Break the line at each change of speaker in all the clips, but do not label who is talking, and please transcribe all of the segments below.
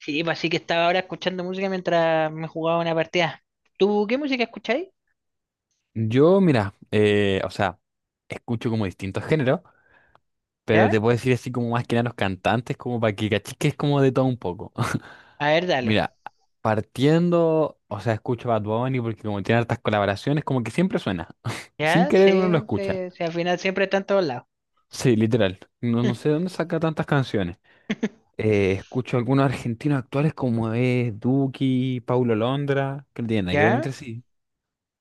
Sí, pues así que estaba ahora escuchando música mientras me jugaba una partida. ¿Tú qué música escucháis?
Yo, mira, o sea, escucho como distintos géneros, pero
¿Ya?
te puedo decir así como más que nada los cantantes, como para que cachis que es como de todo un poco.
A ver, dale.
Mira, partiendo, o sea, escucho Bad Bunny porque como tiene hartas colaboraciones, como que siempre suena. Sin
¿Ya?
querer uno lo
Sí,
escucha.
sí, sí, al final siempre está en todos lados.
Sí, literal. No, no sé de dónde saca tantas canciones. Escucho algunos argentinos actuales como es Duki, Paulo Londra, que no tienen nada que ver
¿Ya?
entre sí.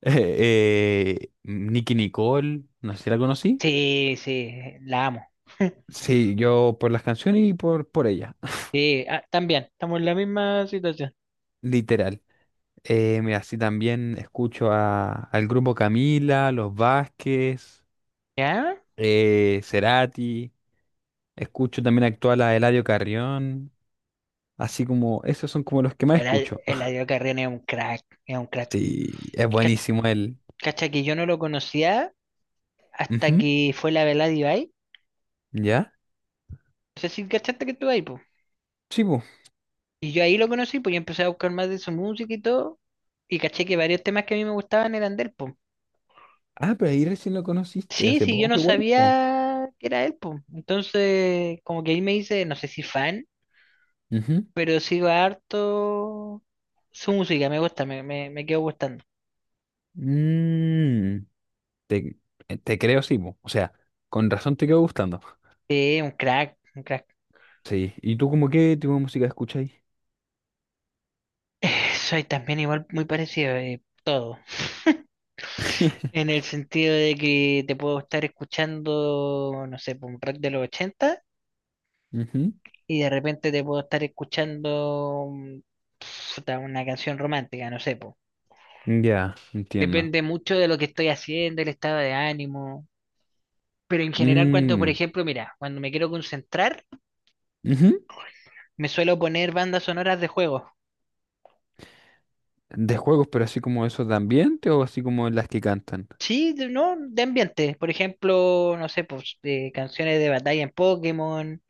Nicki Nicole, no sé si la conocí.
Sí, sí, la amo.
Sí, yo por las canciones y por ella,
Sí, ah, también, estamos en la misma situación.
literal. Mira, sí, también escucho al grupo Camila, Los Vázquez,
¿Ya?
Cerati, escucho también actual a Eladio Carrión, así como, esos son como los que más
El, Eladio
escucho.
Eladio Carrión es un crack, es un crack.
Sí, es
Ca-
buenísimo él.
Cacha que yo no lo conocía hasta
Ujú.
que fue la velada de Eladio.
¿Ya?
No sé si cachaste que estuvo ahí, pues.
Sí, po.
Y yo ahí lo conocí, pues yo empecé a buscar más de su música y todo. Y caché que varios temas que a mí me gustaban eran de él.
Ah, pero ahí recién lo conociste,
Sí,
hace
sí, yo no
poco igual, po.
sabía que era él, po. Entonces, como que ahí me hice, no sé si fan,
Ujú.
pero sigo harto su música, me gusta, me quedo gustando.
Mm, te, te creo, sí, po. O sea, con razón te quedó gustando.
Sí, un crack, un crack.
Sí. ¿Y tú como qué tipo de música escucháis?
Soy también igual muy parecido, todo. En el sentido de que te puedo estar escuchando, no sé, po, un rock de los 80
Ujú.
y de repente te puedo estar escuchando puta, una canción romántica, no sé, po.
Ya, entiendo.
Depende mucho de lo que estoy haciendo, el estado de ánimo. Pero en general, cuando, por
Mm,
ejemplo, mira, cuando me quiero concentrar,
ujú.
me suelo poner bandas sonoras de juegos.
De juegos, pero así como eso de ambiente o así como las que cantan.
Sí, no, de ambiente. Por ejemplo, no sé, pues de canciones de batalla en Pokémon,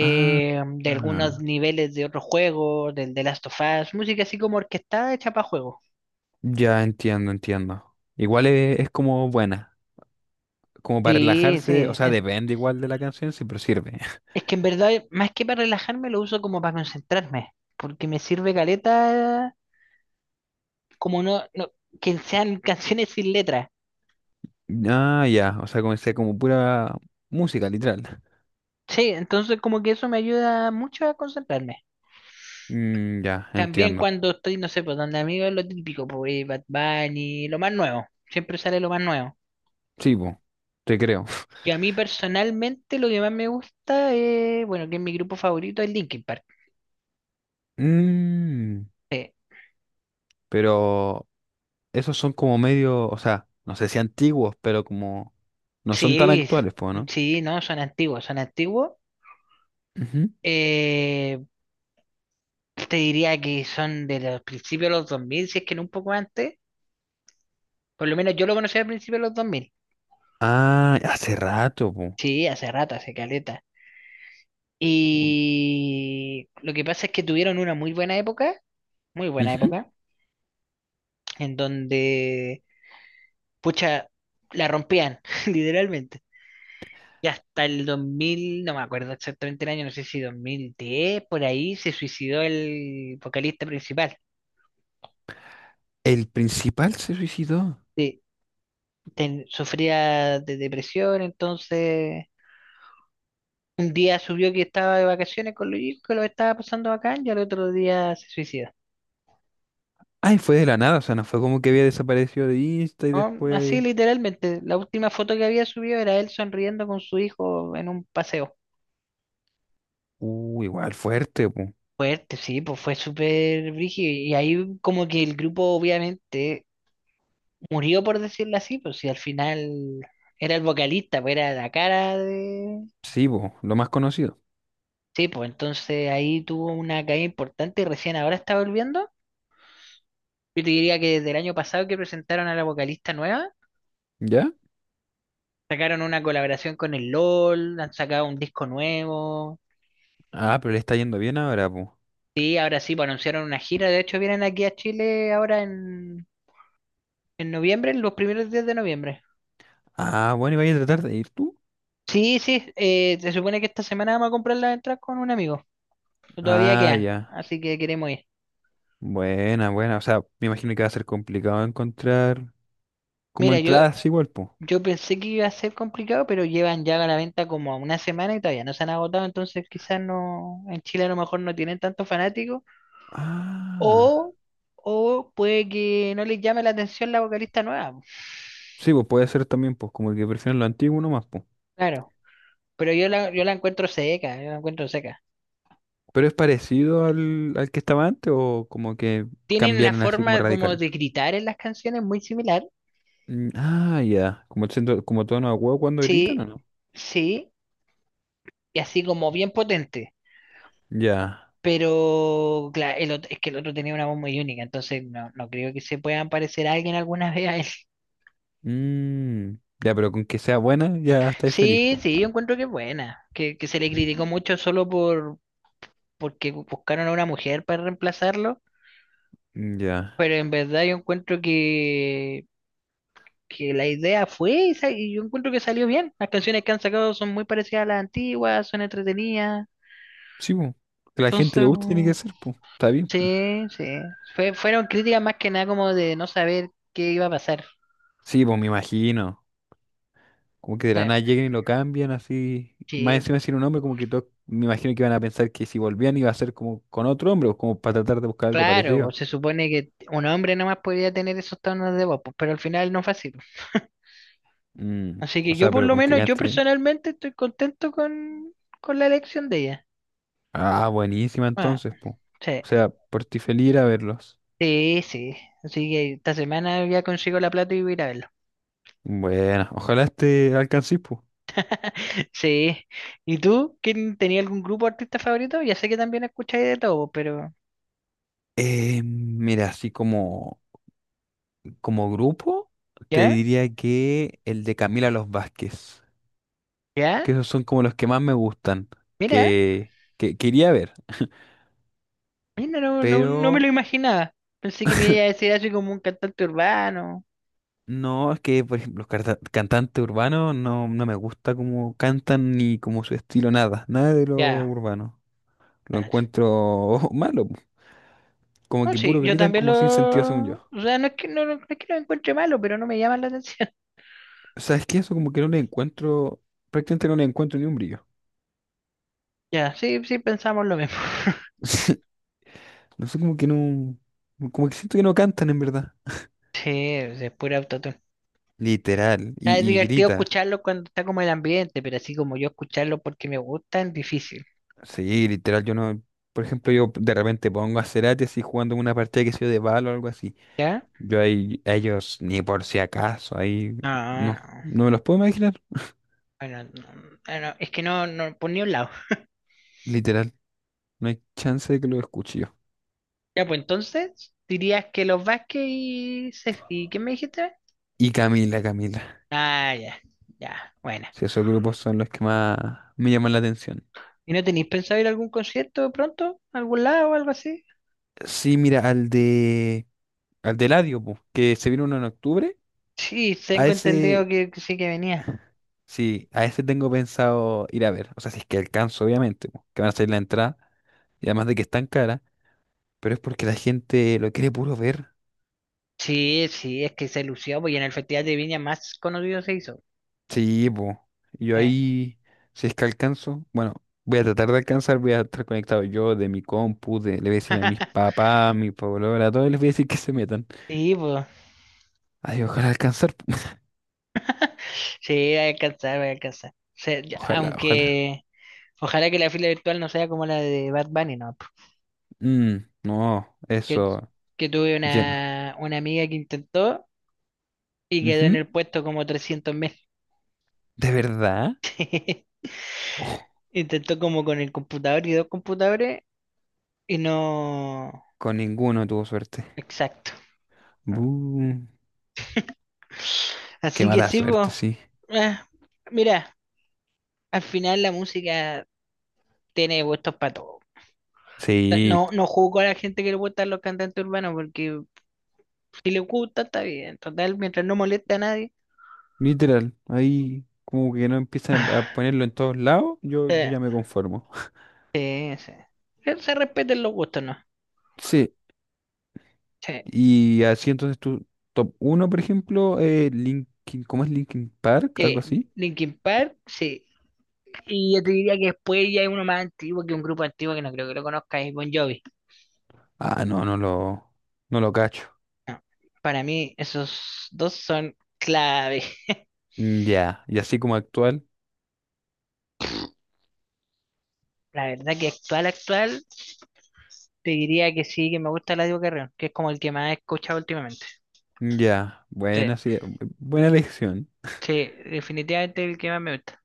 Ah,
de algunos
ah.
niveles de otros juegos, del The Last of Us, música así como orquestada hecha para juegos.
Ya entiendo, entiendo. Igual es como buena, como para
Sí,
relajarse, o
sí.
sea, depende igual de la canción, sí, pero sirve.
Es que en verdad, más que para relajarme, lo uso como para concentrarme, porque me sirve caleta como no que sean canciones sin letra.
Ah, ya, o sea, comencé como pura música, literal.
Sí, entonces como que eso me ayuda mucho a concentrarme.
Mm, ya,
También
entiendo.
cuando estoy, no sé, pues donde amigos lo típico, pues Bad Bunny, lo más nuevo. Siempre sale lo más nuevo.
Sí, po, te creo.
Y a mí personalmente lo que más me gusta es, bueno, que es mi grupo favorito es Linkin Park.
Mm, pero esos son como medio, o sea, no sé si antiguos, pero como no son tan
Sí,
actuales, pues, ¿no?
sí, no, son antiguos, son antiguos.
Ujú.
Eh, te diría que son de los principios de los 2000 si es que no un poco antes. Por lo menos yo lo conocí al principio de los dos mil.
Ah, hace rato, po.
Sí, hace rato, hace caleta.
Uy.
Y lo que pasa es que tuvieron una muy buena
Ujú.
época, en donde, pucha, la rompían, literalmente. Y hasta el 2000 no me acuerdo exactamente el año, no sé si 2010, por ahí se suicidó el vocalista principal.
El principal se suicidó.
Sí, sufría de depresión, entonces un día subió que estaba de vacaciones con los hijos, que lo estaba pasando bacán, y al otro día se suicidó.
Ay, fue de la nada, o sea, no fue como que había desaparecido de Insta y
No, así
después.
literalmente. La última foto que había subido era él sonriendo con su hijo en un paseo.
Igual fuerte, po.
Fuerte, sí, pues fue súper brígido. Y ahí como que el grupo obviamente murió, por decirlo así, pues si al final era el vocalista, pues era la cara de...
Sí, po, lo más conocido.
Sí, pues entonces ahí tuvo una caída importante y recién ahora está volviendo. Yo te diría que desde el año pasado que presentaron a la vocalista nueva,
¿Ya?
sacaron una colaboración con el LOL, han sacado un disco nuevo.
Ah, pero le está yendo bien ahora, po.
Sí, ahora sí, pues anunciaron una gira. De hecho, vienen aquí a Chile ahora en noviembre, en los primeros días de noviembre.
Ah, bueno, ¿y vaya a tratar de ir tú?
Sí, sí, se supone que esta semana vamos a comprar las entradas con un amigo. Todavía
Ah,
quedan,
ya.
así que queremos ir.
Buena, buena. O sea, me imagino que va a ser complicado encontrar como
Mira, yo,
entradas igual, po.
yo pensé que iba a ser complicado, pero llevan ya a la venta como una semana y todavía no se han agotado, entonces quizás no, en Chile a lo mejor no tienen tantos fanáticos,
Ah,
o, o puede que no les llame la atención la vocalista nueva.
sí, pues puede ser también, pues como que prefieren lo antiguo nomás, pues.
Claro, pero yo la encuentro seca, yo la encuentro seca.
Pero es parecido al que estaba antes o como que
Tienen la
cambiaron así como
forma como
radical.
de gritar en las canciones muy similar.
Mm, ah, ya. Como, siento- como tono de huevo cuando gritan
Sí,
o no.
sí, y así como bien potente.
Ya.
Pero claro, es que el otro tenía una voz muy única, entonces no creo que se puedan parecer a alguien alguna vez a él.
Mm, ya, pero con que sea buena ya estáis feliz,
Sí,
pues.
sí, yo encuentro que es buena, que se le criticó mucho solo porque buscaron a una mujer para reemplazarlo,
Mm, ya.
pero en verdad yo encuentro que la idea fue esa y yo encuentro que salió bien. Las canciones que han sacado son muy parecidas a las antiguas, son entretenidas.
Sí, pues. Que a la gente le
Entonces,
guste tiene
mm,
que ser, pues. Está bien.
sí, sí. Fueron críticas más que nada como de no saber qué iba a pasar.
Sí, pues me imagino. Como que de la
Eh,
nada llegan y lo cambian así. Más
Sí,
encima
po.
sin un hombre, como que todos me imagino que iban a pensar que si volvían iba a ser como con otro hombre, o como para tratar de buscar algo
Claro,
parecido.
pues se supone que un hombre nomás podría tener esos tonos de voz, pues, pero al final no fue así, pues.
Mm,
Así
o
que yo
sea,
por
pero
lo
con que
menos, yo
gaste bien.
personalmente estoy contento con la elección de ella.
Ah, buenísima
Ah,
entonces, po.
sí,
O sea, por ti feliz ir a verlos.
sí, sí. Así que esta semana ya consigo la plata y voy a ir a verlo.
Bueno, ojalá este alcances, po.
Sí. ¿Y tú? ¿Quién tenía algún grupo de artista favorito? Ya sé que también escucháis de todo, pero...
Mira, así como, como grupo, te
¿Ya?
diría que el de Camila Los Vázquez,
¿Ya?
que esos son como los que más me gustan,
Mira.
que iría a ver,
Mira, no, no, no me lo
pero
imaginaba. Pensé que me iba a decir así como un cantante urbano.
No, es que, por ejemplo, los cantantes urbanos no, no me gusta cómo cantan ni como su estilo, nada, nada de lo
Ya.
urbano. Lo
Claro.
encuentro malo, po. Como
No,
que
sí,
puro
yo
gritan
también
como sin sentido, según
lo...
yo.
O sea, no es que no es que lo encuentre malo, pero no me llama la atención.
O sea, es que eso como que no le encuentro, prácticamente no le encuentro ni un brillo.
Ya, sí, sí, pensamos lo mismo.
No sé, como que no, como que siento que no cantan en verdad.
Sí, o sea, es pura autotune.
Literal,
Ah, es
y
divertido
grita.
escucharlo cuando está como el ambiente, pero así como yo escucharlo porque me gusta es difícil.
Sí, literal, yo no, por ejemplo, yo de repente pongo a Cerati así jugando una partida que sea de balo o algo así.
¿Ya?
Yo ahí- a ellos ni por si acaso, ahí
No,
no,
no.
no me los puedo imaginar,
Bueno, no, ah, no, es que no, no, por ni un lado.
literal, no hay chance de que los escuche yo.
Ya, pues entonces, dirías que los Vázquez y... ¿Y qué me dijiste?
Y Camila, Camila,
Ah, ya, ya, bueno.
si esos grupos son los que más me llaman la atención.
¿Y no tenéis pensado ir a algún concierto pronto? ¿A ¿Algún lado o algo así?
Sí, mira, al de Eladio, po, que se vino uno en octubre,
Sí,
a
tengo entendido
ese,
que sí que venía.
sí, a ese tengo pensado ir a ver, o sea, si es que alcanzo, obviamente, po, que van a salir la entrada, y además de que están cara, pero es porque la gente lo quiere puro ver.
Sí, sí, es que se lució, pues, y en el Festival de Viña más conocido se hizo.
Sí, pues. Yo
Eh.
ahí, si es que alcanzo, bueno, voy a tratar de alcanzar, voy a estar conectado yo de mi compu, de- le voy a decir a mis papás, a mi polola, a todos les voy a decir que se metan.
Sí, pues,
Ay, ojalá alcanzar, po.
sí, va a alcanzar, va a alcanzar. Se- ya-
Ojalá, ojalá.
aunque, ojalá que la fila virtual no sea como la de Bad Bunny, ¿no? pues,
Mm, no,
Que,
eso,
que tuve
lleno.
una amiga que intentó y quedó en
Ujú.
el puesto como 300.000.
¿De verdad? Oh,
Intentó como con el computador y dos computadores. Y no.
con ninguno tuvo suerte.
Exacto.
Bu, qué
Así que
mala
sí, pues.
suerte, sí.
eh, mira, al final la música tiene gustos para todo.
Sí,
No, no juzgo a la gente que le gustan los cantantes urbanos, porque si le gusta, está bien. Total, mientras no moleste a nadie.
literal. Ahí como que no empiezan a ponerlo en todos lados, yo
eh,
ya me conformo.
sí, sí. Que se respeten los gustos, ¿no?
Sí.
Sí.
Y así entonces tu top uno por ejemplo, Linkin, ¿cómo es Linkin Park? ¿Algo
Eh,
así?
Linkin Park, sí. Y yo te diría que después ya hay uno más antiguo que un grupo antiguo que no creo que lo conozca, es Bon Jovi.
Ah, no lo cacho.
Para mí, esos dos son clave.
Mm, ya. Y así como actual,
La verdad que actual, actual, te diría que sí, que me gusta Eladio Carrión, que es como el que más he escuchado últimamente.
mm, ya,
Sí,
buena, sí, buena elección
sí, definitivamente el que más me gusta.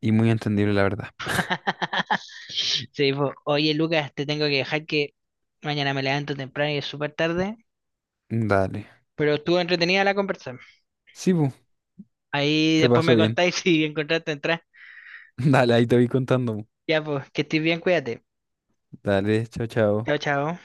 y muy entendible la verdad.
Sí, po. Oye, Lucas, te tengo que dejar que mañana me levanto temprano y es súper tarde,
Dale.
pero estuvo entretenida la conversación.
Sí, bu,
Ahí
se
después
pasó
me
bien.
contáis si encontraste entrar.
Dale, ahí te voy contando. Bu.
Ya, pues, que estés bien, cuídate.
Dale, chao,
Chao,
chao.
chao.